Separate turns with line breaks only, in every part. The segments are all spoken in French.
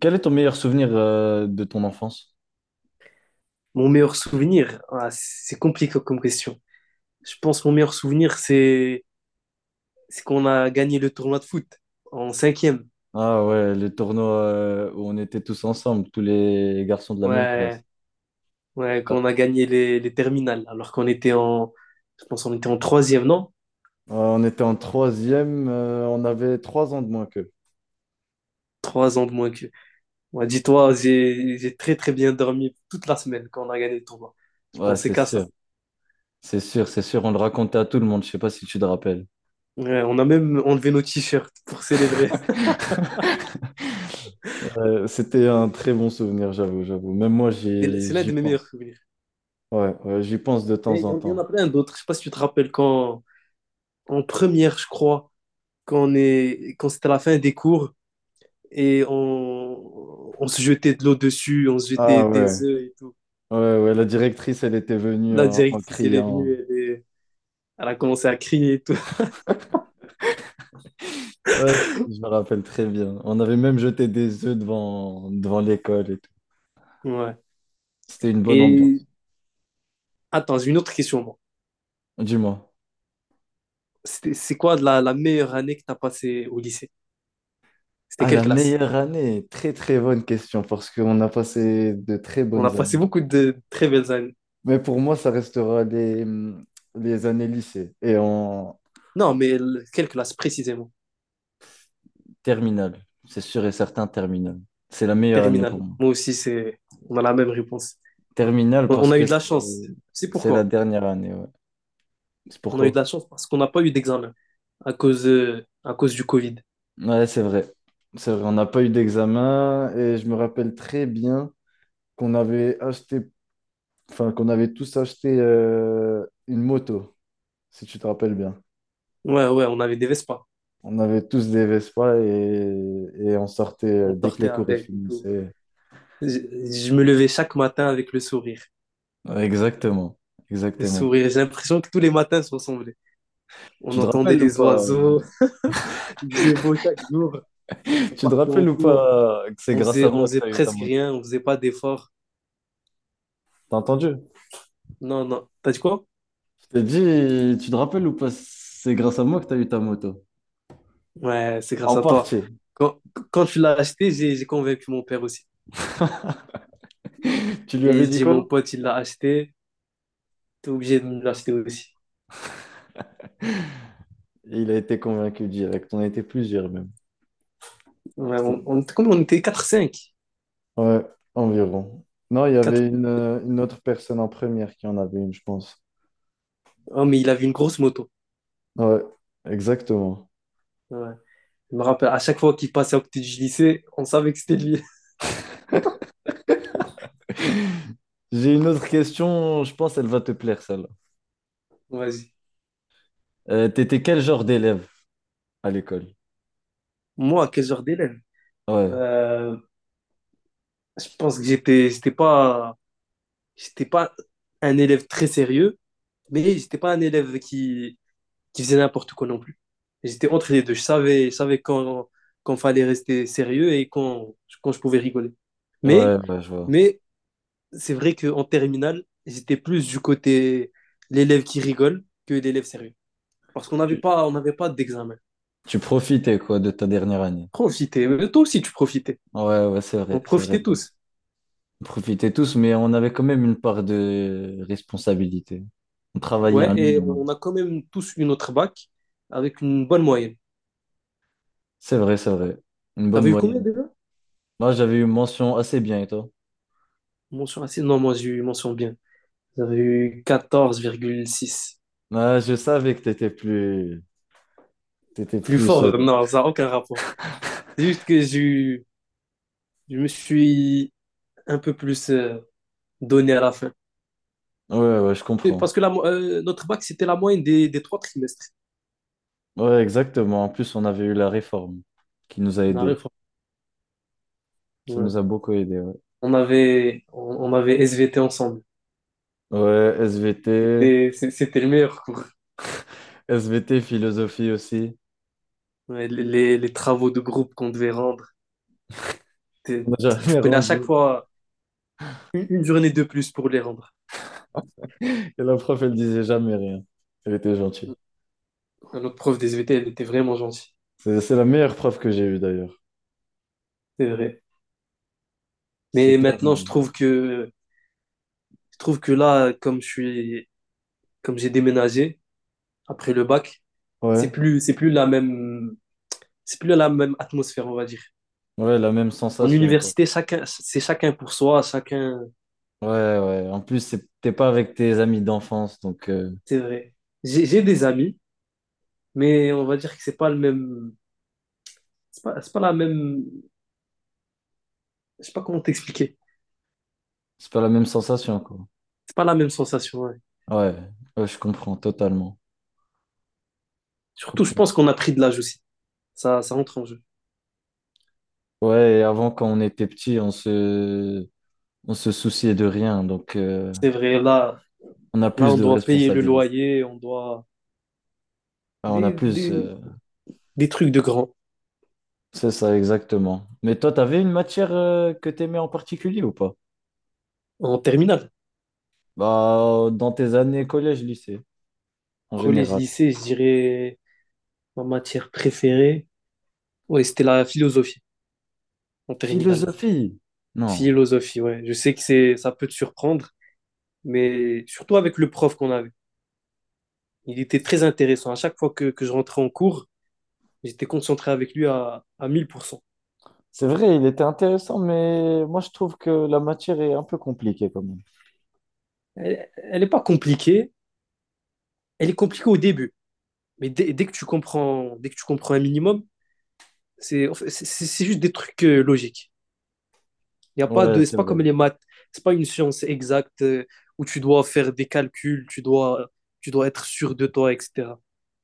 Quel est ton meilleur souvenir de ton enfance?
Mon meilleur souvenir, ah, c'est compliqué comme question. Je pense que mon meilleur souvenir, c'est qu'on a gagné le tournoi de foot en cinquième.
Ah ouais, les tournois où on était tous ensemble, tous les garçons de la même
Ouais,
classe.
ouais,
Ouais.
qu'on a gagné les terminales, alors qu'on était en, je pense qu'on était en troisième, non?
Ouais, on était en troisième, on avait trois ans de moins qu'eux.
3 ans de moins que. Ouais, dis-toi, j'ai très très bien dormi toute la semaine quand on a gagné le tournoi. Je
Ouais,
pensais
c'est
qu'à
sûr,
ça.
c'est sûr, c'est sûr. On le racontait à tout le monde, je sais pas si tu te rappelles.
Ouais, on a même enlevé nos t-shirts pour célébrer.
C'était un très bon souvenir, j'avoue, j'avoue. Même moi,
C'est l'un
j'y
de mes meilleurs
pense.
souvenirs.
Ouais, ouais, j'y pense de
Mais
temps en
il y en a
temps.
plein d'autres. Je sais pas si tu te rappelles quand, en première, je crois, quand c'était la fin des cours et on se jetait de l'eau dessus, on se jetait
Ah ouais,
des œufs et tout.
ouais, ouais. La directrice, elle était venue
La
en
directrice, elle est
criant.
venue, elle a commencé à crier et tout.
Ouais, je me rappelle très bien. On avait même jeté des œufs devant, devant l'école et tout.
Ouais.
C'était une bonne
Et
ambiance.
attends, j'ai une autre question, moi.
Dis-moi.
C'est quoi la meilleure année que tu as passée au lycée? C'était
Ah,
quelle
la
classe?
meilleure année, très très bonne question parce qu'on a passé de très
On a
bonnes
passé
années.
beaucoup de très belles années.
Mais pour moi, ça restera les années lycée et en
Non, mais quelle classe précisément?
terminale. C'est sûr et certain, terminale. C'est la meilleure année pour
Terminale.
moi.
Moi aussi, c'est, on a la même réponse.
Terminale
On
parce
a eu
que
de la chance. C'est
c'est la
pourquoi?
dernière année, ouais. C'est
On a eu
pourquoi?
de la chance parce qu'on n'a pas eu d'examen à cause du Covid.
Ouais, c'est vrai. C'est vrai, on n'a pas eu d'examen et je me rappelle très bien. Qu'on avait acheté, enfin, qu'on avait tous acheté une moto, si tu te rappelles bien.
Ouais, ouais, on avait des Vespa.
On avait tous des Vespa et on sortait
On
dès que
sortait
les cours y
avec et tout.
finissaient.
Je, je me levais chaque matin avec le sourire.
Ouais, exactement,
Le
exactement.
sourire. J'ai l'impression que tous les matins se ressemblaient. On
Tu te
entendait
rappelles ou
les
pas?
oiseaux. Il faisait beau chaque jour. On
Tu te
partait en
rappelles ou
cours.
pas que c'est
On
grâce
faisait,
à
on
moi que
faisait
t'as eu ta
presque
moto?
rien. On faisait pas d'efforts.
T'as entendu?
Non, non. T'as dit quoi?
Je t'ai dit, tu te rappelles ou pas, c'est grâce à moi que t'as eu ta moto.
Ouais, c'est
En
grâce à toi.
partie.
Quand, quand tu l'as acheté, j'ai convaincu mon père aussi.
Tu lui avais
Il
dit
dit, mon
quoi?
pote, il l'a acheté. T'es obligé de me l'acheter aussi.
Il a été convaincu direct. On a été plusieurs même.
Ouais, on était combien? On était quatre cinq
Ouais, environ. Non, il y
quatre.
avait une autre personne en première qui en avait une, je pense.
Ah, mais il avait une grosse moto.
Ouais, exactement.
Ouais. Je me rappelle, à chaque fois qu'il passait à côté du lycée, on savait que c'était lui.
J'ai une autre question, je pense elle va te plaire, celle-là.
Vas-y.
T'étais quel genre d'élève à l'école?
Moi, quel genre d'élève?
Ouais,
Euh, je pense que j'étais pas un élève très sérieux, mais j'étais pas un élève qui faisait n'importe quoi non plus. J'étais entre les deux. Je savais quand fallait rester sérieux et quand je pouvais rigoler. Mais,
ouais, ouais, je vois.
mais c'est vrai qu'en terminale, j'étais plus du côté l'élève qui rigole que l'élève sérieux. Parce qu'on n'avait
Tu,
pas, on n'avait pas d'examen.
tu profitais, quoi, de ta dernière année.
Profitez. Mais toi aussi, tu profitais.
Ouais, ouais, c'est
On
vrai, c'est vrai.
profitait
Bon,
tous.
on profitait tous, mais on avait quand même une part de responsabilité. On travaillait
Ouais,
un
et
minimum.
on a quand même tous eu notre bac avec une bonne moyenne.
C'est vrai, c'est vrai. Une bonne
T'avais eu combien
moyenne.
déjà?
Moi, j'avais eu mention assez bien, et toi?
Mention assez? Non, moi, j'ai eu mention bien. J'avais eu 14,6.
Ah, je savais que t'étais
Plus
plus.
fort, non, ça n'a aucun rapport. C'est juste que je me suis un peu plus donné à la fin.
Ouais, ouais, je
Et
comprends.
parce que notre bac, c'était la moyenne des trois trimestres.
Ouais, exactement. En plus, on avait eu la réforme qui nous a aidés.
Naref,
Ça nous a
ouais.
beaucoup aidés. Ouais,
On avait, on, on avait SVT ensemble.
ouais, SVT,
C'était le meilleur cours.
SVT, philosophie aussi.
Ouais, les travaux de groupe qu'on devait rendre,
On
t'es-
n'a
tu
jamais
prenais à
rendu.
chaque fois une journée de plus pour les rendre.
Et la prof, elle disait jamais rien. Elle était gentille.
Notre prof des SVT, elle était vraiment gentille,
C'est la meilleure prof que j'ai eue d'ailleurs.
c'est vrai.
C'est
Mais maintenant,
clairement.
je trouve que là, comme j'ai déménagé après le bac, c'est
Ouais,
plus, c'est plus la même, c'est plus la même atmosphère, on va dire.
ouais, la même
En
sensation quoi.
université, chacun, c'est chacun pour soi, chacun,
Ouais, ouais. En plus, t'es pas avec tes amis d'enfance, donc
c'est vrai. J'ai des amis mais on va dire que c'est pas le même. C'est pas la même. Je sais pas comment t'expliquer.
c'est pas la même sensation quoi.
C'est pas la même sensation. Ouais.
Ouais, ouais, je comprends totalement. Je
Surtout, je
comprends.
pense qu'on a pris de l'âge aussi. Ça rentre en jeu.
Ouais, et avant, quand on était petit, on se souciait de rien. Donc,
C'est vrai, là,
on a
là,
plus
on
de
doit payer le
responsabilités.
loyer, on doit.
Enfin, on a
Des,
plus.
des, des trucs de grand.
C'est ça, exactement. Mais toi, t'avais une matière que t'aimais en particulier ou pas?
En terminale.
Bah, dans tes années collège, lycée, en
Collège,
général.
lycée, je dirais ma matière préférée. Ouais, c'était la philosophie en terminale.
Philosophie? Non.
Philosophie, ouais. Je sais que c'est, ça peut te surprendre, mais surtout avec le prof qu'on avait. Il était très intéressant. À chaque fois que je rentrais en cours, j'étais concentré avec lui à 1000%.
C'est vrai, il était intéressant, mais moi, je trouve que la matière est un peu compliquée quand même.
Elle n'est pas compliquée. Elle est compliquée au début. Mais dès que tu comprends, dès que tu comprends un minimum, c'est juste des trucs logiques. Il y a pas
Ouais,
de, C'est
c'est
pas
vrai.
comme les maths. C'est pas une science exacte où tu dois faire des calculs, tu dois être sûr de toi, etc.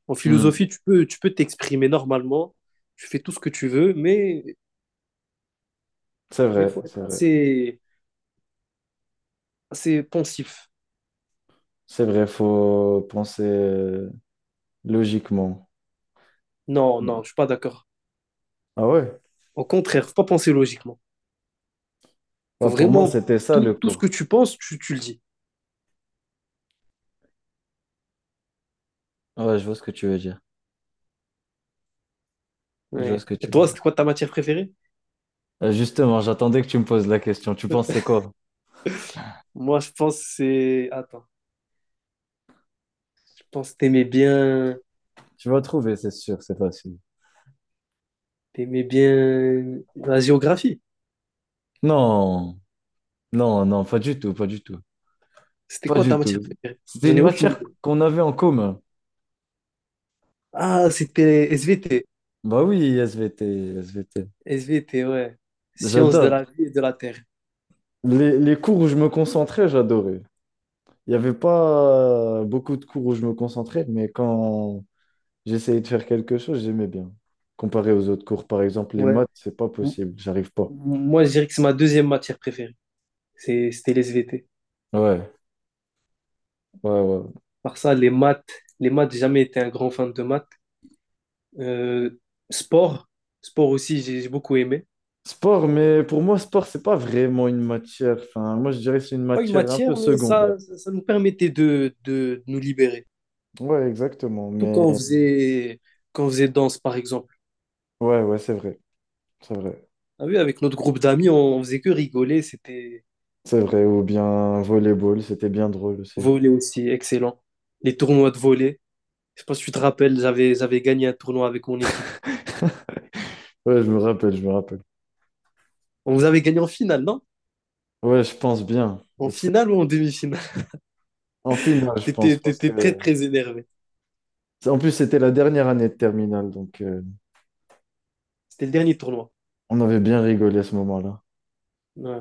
En
Hmm,
philosophie, tu peux t'exprimer normalement. Tu fais tout ce que tu veux, mais
c'est vrai,
faut
c'est
être
vrai.
assez pensif.
C'est vrai, faut penser logiquement.
Non,
Ouais.
non, je suis pas d'accord.
Ah ouais?
Au contraire, faut pas penser logiquement.
Bah,
Faut
pour moi,
vraiment
c'était ça le
tout ce
cours.
que tu penses, tu le dis.
Ouais, je vois ce que tu veux dire. Je vois ce
Ouais.
que
Et
tu veux
toi,
dire.
c'était quoi ta matière préférée?
Justement, j'attendais que tu me poses la question. Tu pensais quoi?
Moi, je pense que c'est. Attends, je pense que t'aimais bien.
Tu vas trouver, c'est sûr, c'est facile.
T'aimais bien la géographie.
Non, non, non, pas du tout, pas du tout.
C'était
Pas
quoi
du
ta
tout.
matière préférée?
C'était
J'en
une
ai aucune
matière
idée.
qu'on avait en commun.
Ah, c'était SVT.
Bah oui, SVT, SVT.
SVT, ouais. Sciences de
J'adore.
la vie et de la terre.
Les cours où je me concentrais, j'adorais. Il n'y avait pas beaucoup de cours où je me concentrais, j'essayais de faire quelque chose, j'aimais bien. Comparé aux autres cours, par exemple, les
Ouais.
maths, c'est pas
M-
possible, j'arrive pas.
Moi, je dirais que c'est ma deuxième matière préférée. C'était les SVT.
Ouais, ouais, ouais.
Par ça, les maths. Les maths, j'ai jamais été un grand fan de maths. Euh, Sport. Sport aussi, j'ai beaucoup aimé.
Sport, mais pour moi, sport, c'est pas vraiment une matière. Enfin, moi, je dirais que c'est une
Pas une
matière un peu
matière, mais
secondaire.
ça nous permettait de nous libérer.
Ouais, exactement.
Tout quand
Mais
on faisait, quand on faisait danse, par exemple.
ouais, ouais, c'est vrai, c'est vrai,
Ah oui, avec notre groupe d'amis, on faisait que rigoler. C'était
c'est vrai. Ou bien volleyball, c'était bien drôle aussi.
volley aussi, excellent. Les tournois de volley. Je sais pas si tu te rappelles, j'avais gagné un tournoi avec mon équipe.
Ouais, je me rappelle, je me rappelle.
On vous avait gagné en finale, non?
Ouais, je pense bien.
En
C'est-
finale ou en demi-finale?
En finale, je pense,
T'étais,
parce
t'étais très,
que
très énervé.
en plus, c'était la dernière année de terminale, donc
C'était le dernier tournoi.
on avait bien rigolé à ce moment-là.
Ouais,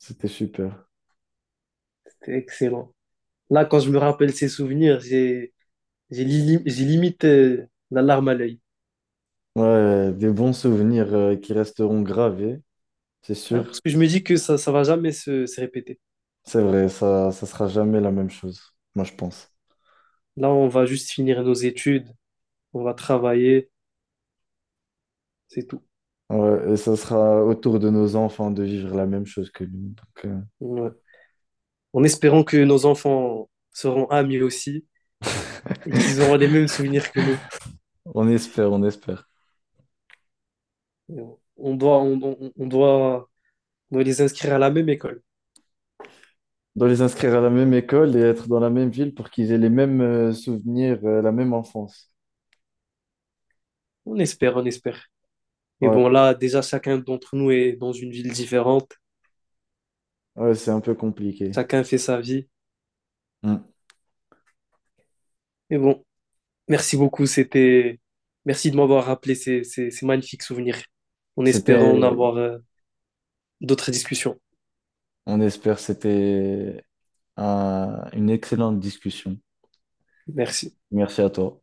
C'était super.
c'était excellent. Là, quand je me rappelle ces souvenirs, j'ai limite la larme à l'œil.
Ouais, ouais, des bons souvenirs qui resteront gravés, c'est
Ah,
sûr.
parce que je me dis que ça va jamais se répéter.
C'est vrai, ça sera jamais la même chose, moi je pense.
Là, on va juste finir nos études, on va travailler, c'est tout.
Ouais, et ça sera autour de nos enfants de vivre la même chose que nous. Donc,
Ouais. En espérant que nos enfants seront amis aussi et qu'ils auront les mêmes souvenirs que nous.
on espère, on espère.
On doit, on, on- on doit, on doit les inscrire à la même école.
De les inscrire à la même école et être dans la même ville pour qu'ils aient les mêmes souvenirs, la même enfance.
On espère, on espère. Et
Ouais,
bon, là, déjà, chacun d'entre nous est dans une ville différente.
ouais, c'est un peu compliqué.
Chacun fait sa vie.
Mm.
Et bon, merci beaucoup. Merci de m'avoir rappelé ces magnifiques souvenirs. En espérant en
C'était,
avoir d'autres discussions.
on espère, c'était une excellente discussion.
Merci.
Merci à toi.